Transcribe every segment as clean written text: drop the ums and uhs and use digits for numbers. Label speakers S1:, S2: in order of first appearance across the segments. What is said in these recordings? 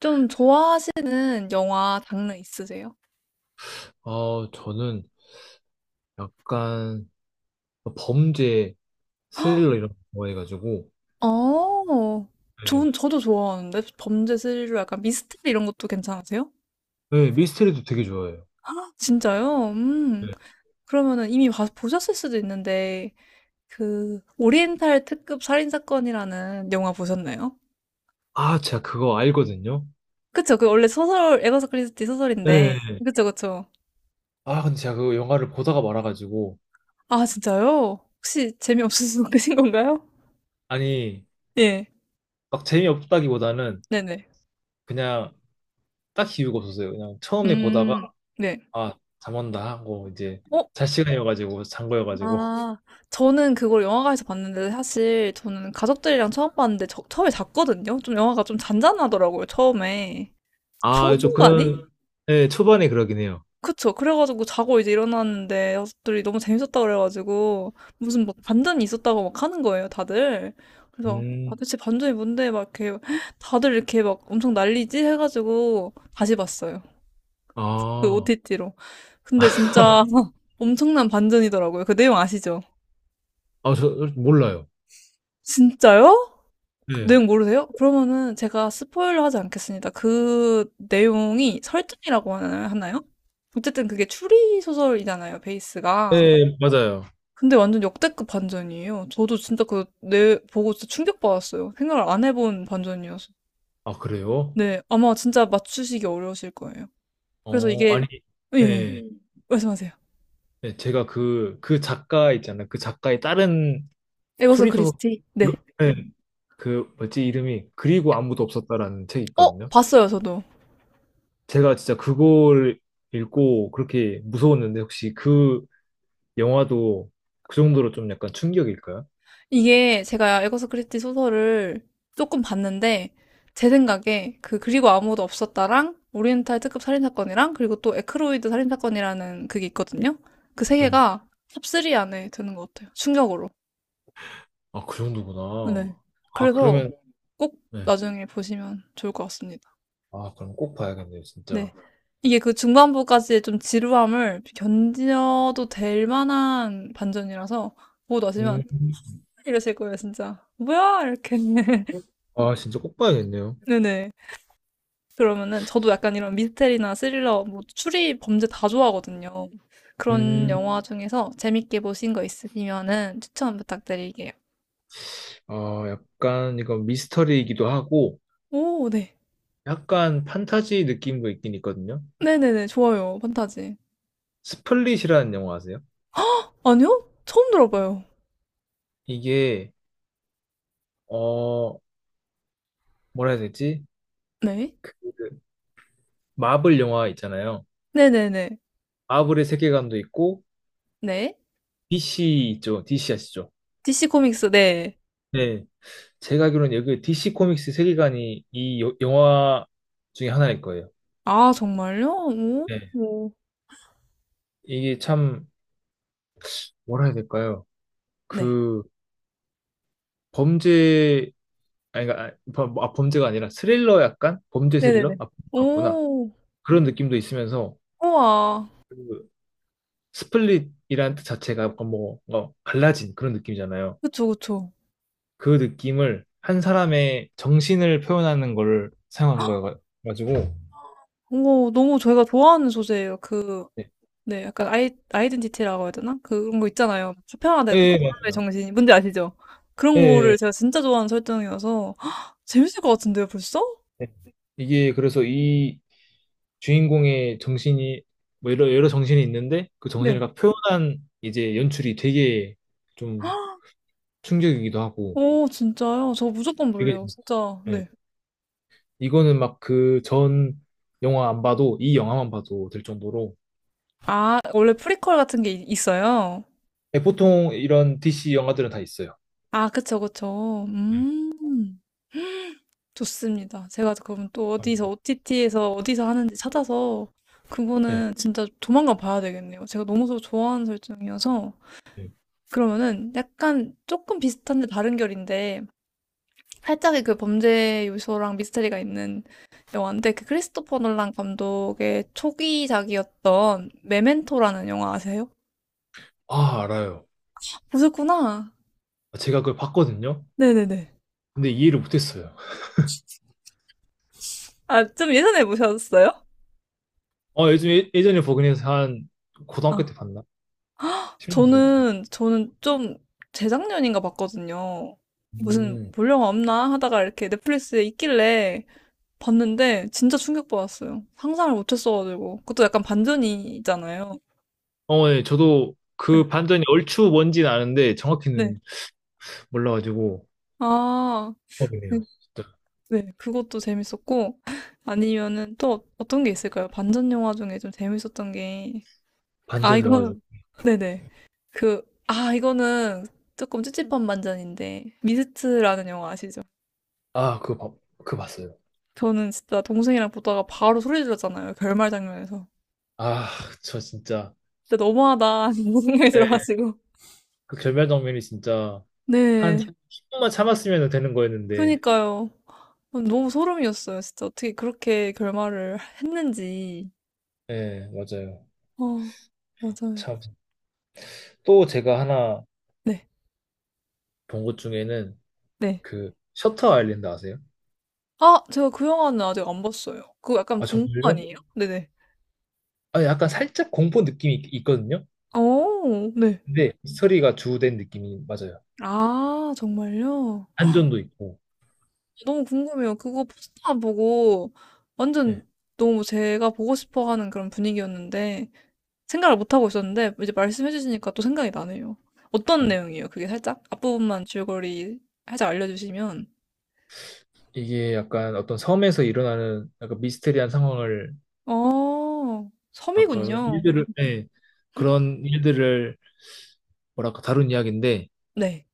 S1: 좀 좋아하시는 영화 장르 있으세요?
S2: 저는 약간 범죄, 스릴러 이런 거 좋아해가지고,
S1: 어.
S2: 네.
S1: 전 저도 좋아하는데 범죄 스릴러 약간 미스터리 이런 것도 괜찮으세요?
S2: 네, 미스테리도 되게 좋아해요.
S1: 아 진짜요? 음.
S2: 네.
S1: 그러면은 이미 봐 보셨을 수도 있는데 그 오리엔탈 특급 살인 사건이라는 영화 보셨나요?
S2: 아, 제가 그거 알거든요.
S1: 그쵸. 그 원래 소설 에버사 크리스티 소설인데
S2: 네.
S1: 그쵸, 그쵸.
S2: 아, 근데 제가 그 영화를 보다가 말아가지고,
S1: 아 진짜요? 혹시 재미없으신 분이신 건가요?
S2: 아니,
S1: 예.
S2: 막 재미없다기보다는
S1: 네네.
S2: 그냥 딱 이유가 없었어요. 그냥 처음에 보다가,
S1: 음. 네.
S2: 아, 잠 온다 하고, 이제
S1: 어?
S2: 잘 시간이어가지고, 잔 거여가지고.
S1: 아, 저는 그걸 영화관에서 봤는데 사실 저는 가족들이랑 처음 봤는데 처음에 잤거든요. 좀 영화가 좀 잔잔하더라고요, 처음에.
S2: 아, 좀
S1: 초중반이?
S2: 그런, 네, 초반에 그러긴 해요.
S1: 그쵸. 그래가지고 자고 이제 일어났는데 가족들이 너무 재밌었다 그래가지고 무슨 막 반전이 있었다고 막 하는 거예요, 다들. 그래서 아,
S2: 음,
S1: 대체 반전이 뭔데 막 이렇게 다들 이렇게 막 엄청 난리지 해가지고 다시 봤어요. 그
S2: 아,
S1: OTT로. 근데 진짜 엄청난 반전이더라고요. 그 내용 아시죠?
S2: 아, 저 몰라요.
S1: 진짜요?
S2: 네.
S1: 내용 모르세요? 그러면은 제가 스포일러 하지 않겠습니다. 그 내용이 설정이라고 하나요? 어쨌든 그게 추리 소설이잖아요, 베이스가.
S2: 네, 맞아요.
S1: 근데 완전 역대급 반전이에요. 저도 진짜 그, 내, 보고 진짜 충격받았어요. 생각을 안 해본 반전이어서.
S2: 아, 그래요?
S1: 네, 아마 진짜 맞추시기 어려우실 거예요. 그래서
S2: 어,
S1: 이게,
S2: 아니,
S1: 예, 예.
S2: 네,
S1: 음. 말씀하세요.
S2: 네, 제가 그 작가 있잖아요. 그 작가의 다른
S1: 에거서
S2: 수리소설,
S1: 크리스티?
S2: 이거-
S1: 네.
S2: 네, 그, 뭐지, 이름이, 그리고 아무도 없었다라는 책이
S1: 어,
S2: 있거든요.
S1: 봤어요, 저도.
S2: 제가 진짜 그걸 읽고 그렇게 무서웠는데, 혹시 그 영화도 그 정도로 좀 약간 충격일까요?
S1: 이게 제가 에거서 크리스티 소설을 조금 봤는데 제 생각에 그 그리고 아무도 없었다랑 오리엔탈 특급 살인사건이랑 그리고 또 에크로이드 살인사건이라는 그게 있거든요. 그 세
S2: 네.
S1: 개가 탑3 안에 드는 것 같아요. 충격으로.
S2: 아, 그 정도구나.
S1: 네.
S2: 아,
S1: 그래서
S2: 그러면,
S1: 꼭
S2: 네.
S1: 나중에 보시면 좋을 것 같습니다.
S2: 아, 그럼 꼭 봐야겠네요,
S1: 네.
S2: 진짜.
S1: 이게 그 중반부까지의 좀 지루함을 견뎌도 될 만한 반전이라서 보고 나시면
S2: 음,
S1: 이러실 거예요, 진짜. 뭐야? 이렇게.
S2: 아, 진짜 꼭 봐야겠네요.
S1: 네네. 그러면은 저도 약간 이런 미스테리나 스릴러, 뭐 추리, 범죄 다 좋아하거든요. 그런
S2: 음.
S1: 영화 중에서 재밌게 보신 거 있으시면은 추천 부탁드릴게요.
S2: 어, 약간 이거 미스터리이기도 하고
S1: 오, 네.
S2: 약간 판타지 느낌도 있긴 있거든요.
S1: 네네네, 좋아요. 판타지.
S2: 스플릿이라는 영화 아세요?
S1: 아니요? 처음 들어봐요.
S2: 이게 어, 뭐라 해야 되지?
S1: 네.
S2: 그 마블 영화 있잖아요.
S1: 네네네.
S2: 마블의 세계관도 있고
S1: 네.
S2: DC 있죠. DC 아시죠?
S1: DC 코믹스, 네.
S2: 네. 제가 알기로는 여기 DC 코믹스 세계관이 이 영화 중에 하나일 거예요.
S1: 아, 정말요? 오,
S2: 네.
S1: 오.
S2: 이게 참 뭐라 해야 될까요?
S1: 네.
S2: 그 범죄 아니, 그러니까, 아, 아, 범죄가 아니라 스릴러 약간? 범죄
S1: 네네네.
S2: 스릴러? 아, 맞구나.
S1: 오,
S2: 그런 느낌도 있으면서,
S1: 우와.
S2: 그 스플릿이라는 뜻 자체가 약간 뭐, 뭔가 갈라진 그런 느낌이잖아요.
S1: 그쵸, 그쵸.
S2: 그 느낌을 한 사람의 정신을 표현하는 걸 사용한 거여가지고,
S1: 오, 너무 저희가 좋아하는 소재예요. 그,
S2: 네.
S1: 네, 약간 아이, 아이덴티티라고 해야 되나? 그런 거 있잖아요. 수편화되
S2: 예,
S1: 는 거,
S2: 예,
S1: 사람의 정신이. 뭔지 아시죠? 그런
S2: 예, 예,
S1: 거를
S2: 예.
S1: 제가 진짜 좋아하는 설정이어서 헉, 재밌을 것 같은데요, 벌써?
S2: 네. 이게 그래서 이 주인공의 정신이, 뭐 여러 정신이 있는데, 그 정신을
S1: 네.
S2: 다 표현한 이제 연출이 되게 좀 충격이기도 하고,
S1: 오, 진짜요? 저 무조건
S2: 되게,
S1: 볼래요, 진짜.
S2: 예.
S1: 네.
S2: 이거는 막 그 전 영화 안 봐도 이 영화만 봐도 될 정도로
S1: 아, 원래 프리퀄 같은 게 있어요?
S2: 예, 보통 이런 DC 영화들은 다 있어요.
S1: 아, 그쵸, 그쵸. 좋습니다. 제가 그러면
S2: 네,
S1: 또 어디서,
S2: 감사합니다.
S1: OTT에서 어디서 하는지 찾아서
S2: 네.
S1: 그거는 진짜 조만간 봐야 되겠네요. 제가 너무 좋아하는 설정이어서.
S2: 네.
S1: 그러면은 약간 조금 비슷한데 다른 결인데 살짝의 그 범죄 요소랑 미스터리가 있는 영화인데 그 크리스토퍼 놀란 감독의 초기작이었던 메멘토라는 영화 아세요?
S2: 아, 알아요.
S1: 보셨구나.
S2: 제가 그걸 봤거든요.
S1: 네네네.
S2: 근데 이해를 못했어요.
S1: 아, 좀 예전에 보셨어요?
S2: 어, 예전에 버그니에서 한 고등학교
S1: 아,
S2: 때 봤나? 10년 전.
S1: 저는 좀 재작년인가 봤거든요. 무슨
S2: 음.
S1: 볼 영화 없나 하다가 이렇게 넷플릭스에 있길래 봤는데 진짜 충격받았어요. 상상을 못했어가지고. 그것도 약간 반전이잖아요.
S2: 어, 네. 저도 그 반전이 얼추 뭔지는 아는데
S1: 네.
S2: 정확히는 몰라가지고.
S1: 아. 네.
S2: 궁금해요. 진짜.
S1: 네. 그것도 재밌었고 아니면은 또 떤 게 있을까요? 반전 영화 중에 좀 재밌었던 게 아,
S2: 반전 영화
S1: 이거
S2: 중.
S1: 네네. 그 아, 이거는 조금 찝찝한 반전인데 미스트라는 영화 아시죠?
S2: 아, 그거 봤어요.
S1: 저는 진짜 동생이랑 보다가 바로 소리 질렀잖아요. 결말 장면에서.
S2: 아, 저 진짜.
S1: 진짜 너무하다. 이런 생각이
S2: 네.
S1: 들어가지고.
S2: 그 결말 장면이 진짜. 한
S1: 네.
S2: 10분만 참았으면 되는 거였는데.
S1: 그니까요. 어, 너무 소름이었어요. 진짜 어떻게 그렇게 결말을 했는지.
S2: 네, 맞아요.
S1: 어, 맞아요.
S2: 참. 또 제가 하나
S1: 네.
S2: 본 것 중에는
S1: 네.
S2: 그 셔터 아일랜드 아세요?
S1: 아 제가 그 영화는 아직 안 봤어요. 그거 약간
S2: 아,
S1: 공포
S2: 정말요?
S1: 아니에요? 네네.
S2: 아, 약간 살짝 공포 느낌이 있거든요.
S1: 어 네.
S2: 근데 스토리가 주된 느낌이 맞아요.
S1: 아 정말요?
S2: 반전도 있고.
S1: 너무 궁금해요. 그거 포스터만 보고
S2: 네.
S1: 완전 너무 제가 보고 싶어 하는 그런 분위기였는데 생각을 못 하고 있었는데 이제 말씀해 주시니까 또 생각이 나네요. 어떤
S2: 뭐
S1: 내용이에요? 그게 살짝 앞부분만 줄거리 살짝 알려 주시면.
S2: 이게 약간 어떤 섬에서 일어나는 약간 미스테리한 상황을
S1: 어
S2: 뭐랄까
S1: 섬이군요.
S2: 일들을 예. 그런 일들을 뭐랄까 다룬 이야기인데
S1: 네.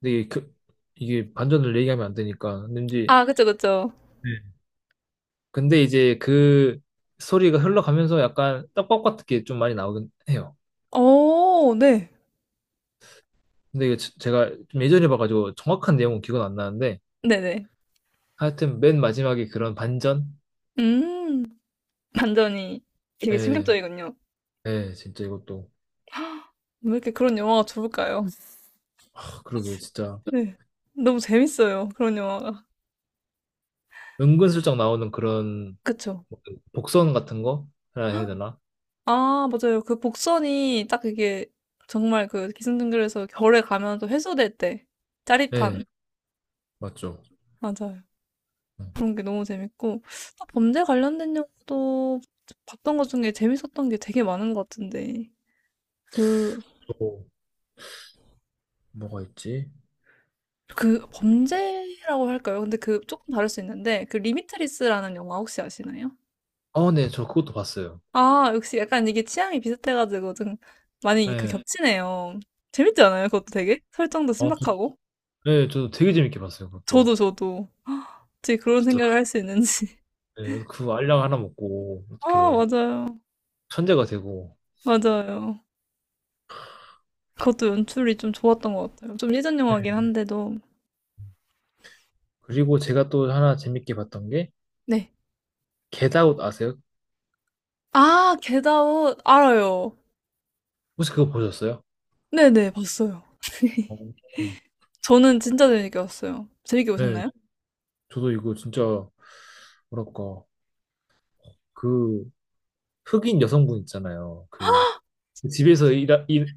S2: 근데 이게, 그, 이게 반전을 얘기하면 안 되니까 왠지
S1: 아 그쵸, 그쵸.
S2: 예, 근데 이제 그 소리가 흘러가면서 약간 떡밥 같은 게 좀 많이 나오긴 해요.
S1: 어 네.
S2: 근데 이게 제가 좀 예전에 봐가지고 정확한 내용은 기억은 안 나는데
S1: 네네.
S2: 하여튼 맨 마지막에 그런 반전?
S1: 음. 반전이 되게
S2: 예,
S1: 충격적이군요.
S2: 예, 진짜 이것도
S1: 왜 이렇게 그런 영화가 좋을까요?
S2: 하, 그러게요, 진짜
S1: 네. 너무 재밌어요. 그런 영화가.
S2: 은근슬쩍 나오는 그런
S1: 그쵸.
S2: 복선 같은 거 해야 되나?
S1: 아, 맞아요. 그 복선이 딱 이게 정말 그 기승전결에서 결에 가면 또 해소될 때
S2: 예,
S1: 짜릿한.
S2: 맞죠.
S1: 맞아요.
S2: 네.
S1: 그런 게 너무 재밌고. 딱 범죄 관련된 영화도 봤던 것 중에 재밌었던 게 되게 많은 것 같은데. 그,
S2: 또 뭐가 있지?
S1: 그 범죄라고 할까요? 근데 그 조금 다를 수 있는데, 그 리미트리스라는 영화 혹시 아시나요?
S2: 아, 네, 저 그것도 봤어요.
S1: 아, 역시 약간 이게 취향이 비슷해가지고 좀 많이 그
S2: 예,
S1: 겹치네요. 재밌지 않아요? 그것도 되게? 설정도
S2: 아,
S1: 신박하고?
S2: 예, 저도 되게 재밌게 봤어요, 그것도.
S1: 저도, 저도. 어떻게 그런
S2: 진짜
S1: 생각을 할 수 있는지.
S2: 예, 그 알약 하나 먹고
S1: 아,
S2: 어떻게
S1: 맞아요.
S2: 천재가 되고.
S1: 맞아요. 그것도 연출이 좀 좋았던 것 같아요. 좀 예전
S2: 네.
S1: 영화긴 한데도.
S2: 그리고 제가 또 하나 재밌게 봤던 게
S1: 네.
S2: 겟아웃 아세요?
S1: 아, 겟아웃 알아요.
S2: 혹시 그거 보셨어요?
S1: 네네, 봤어요.
S2: 어,
S1: 저는 진짜 재밌게 봤어요. 재밌게
S2: 네,
S1: 보셨나요?
S2: 저도 이거 진짜 뭐랄까 그 흑인 여성분 있잖아요. 그 집에서 일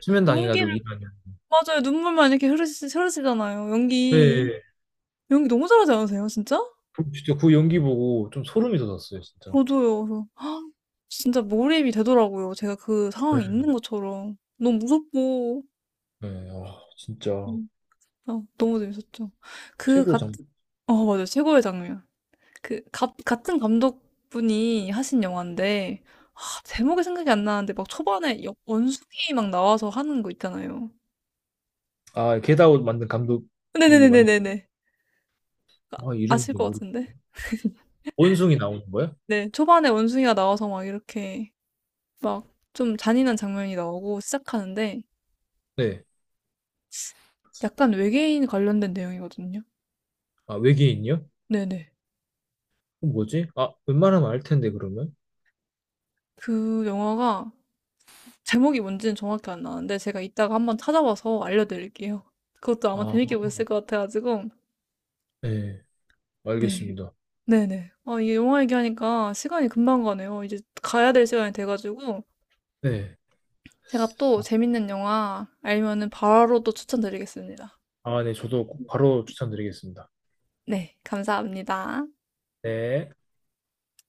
S2: 수면 당해가지고
S1: 연기를,
S2: 일하는.
S1: 맞아요. 눈물만 이렇게 흐르시, 흐르시잖아요. 연기.
S2: 네,
S1: 연기 너무 잘하지 않으세요, 진짜?
S2: 진짜 그 연기 보고 좀 소름이 돋았어요, 진짜.
S1: 저도요. 그래서 진짜 몰입이 되더라고요. 제가 그
S2: 네.
S1: 상황에 있는 것처럼. 너무 무섭고.
S2: 네, 아, 진짜
S1: 음. 어, 너무 재밌었죠. 그
S2: 최고
S1: 같
S2: 장.
S1: 은어 맞아요. 최고의 장면. 그 같은 감독분이 하신 영화인데 아 제목이 생각이 안 나는데 막 초반에 여 원숭이 막 나와서 하는 거 있잖아요.
S2: 아, 겟아웃 만든 감독이
S1: 네네네네네네.
S2: 아, 이름
S1: 아실 것
S2: 좀 모르.
S1: 같은데.
S2: 원숭이 나오는 거야
S1: 네. 초반에 원숭이가 나와서 막 이렇게 막 좀 잔인한 장면이 나오고 시작하는데
S2: 네,
S1: 약간 외계인 관련된 내용이거든요.
S2: 아 외계인이요?
S1: 네네.
S2: 어, 뭐지? 아, 웬만하면 알 텐데, 그러면.
S1: 그 영화가 제목이 뭔지는 정확히 안 나는데 제가 이따가 한번 찾아봐서 알려드릴게요. 그것도 아마 재밌게
S2: 아,
S1: 보셨을 것 같아가지고.
S2: 네.
S1: 네.
S2: 알겠습니다.
S1: 네네. 아, 이게 영화 얘기하니까 시간이 금방 가네요. 이제 가야 될 시간이 돼가지고
S2: 네.
S1: 제가 또 재밌는 영화 알면은 바로 또 추천드리겠습니다.
S2: 아, 네. 저도 바로 추천드리겠습니다.
S1: 네, 감사합니다.
S2: 네.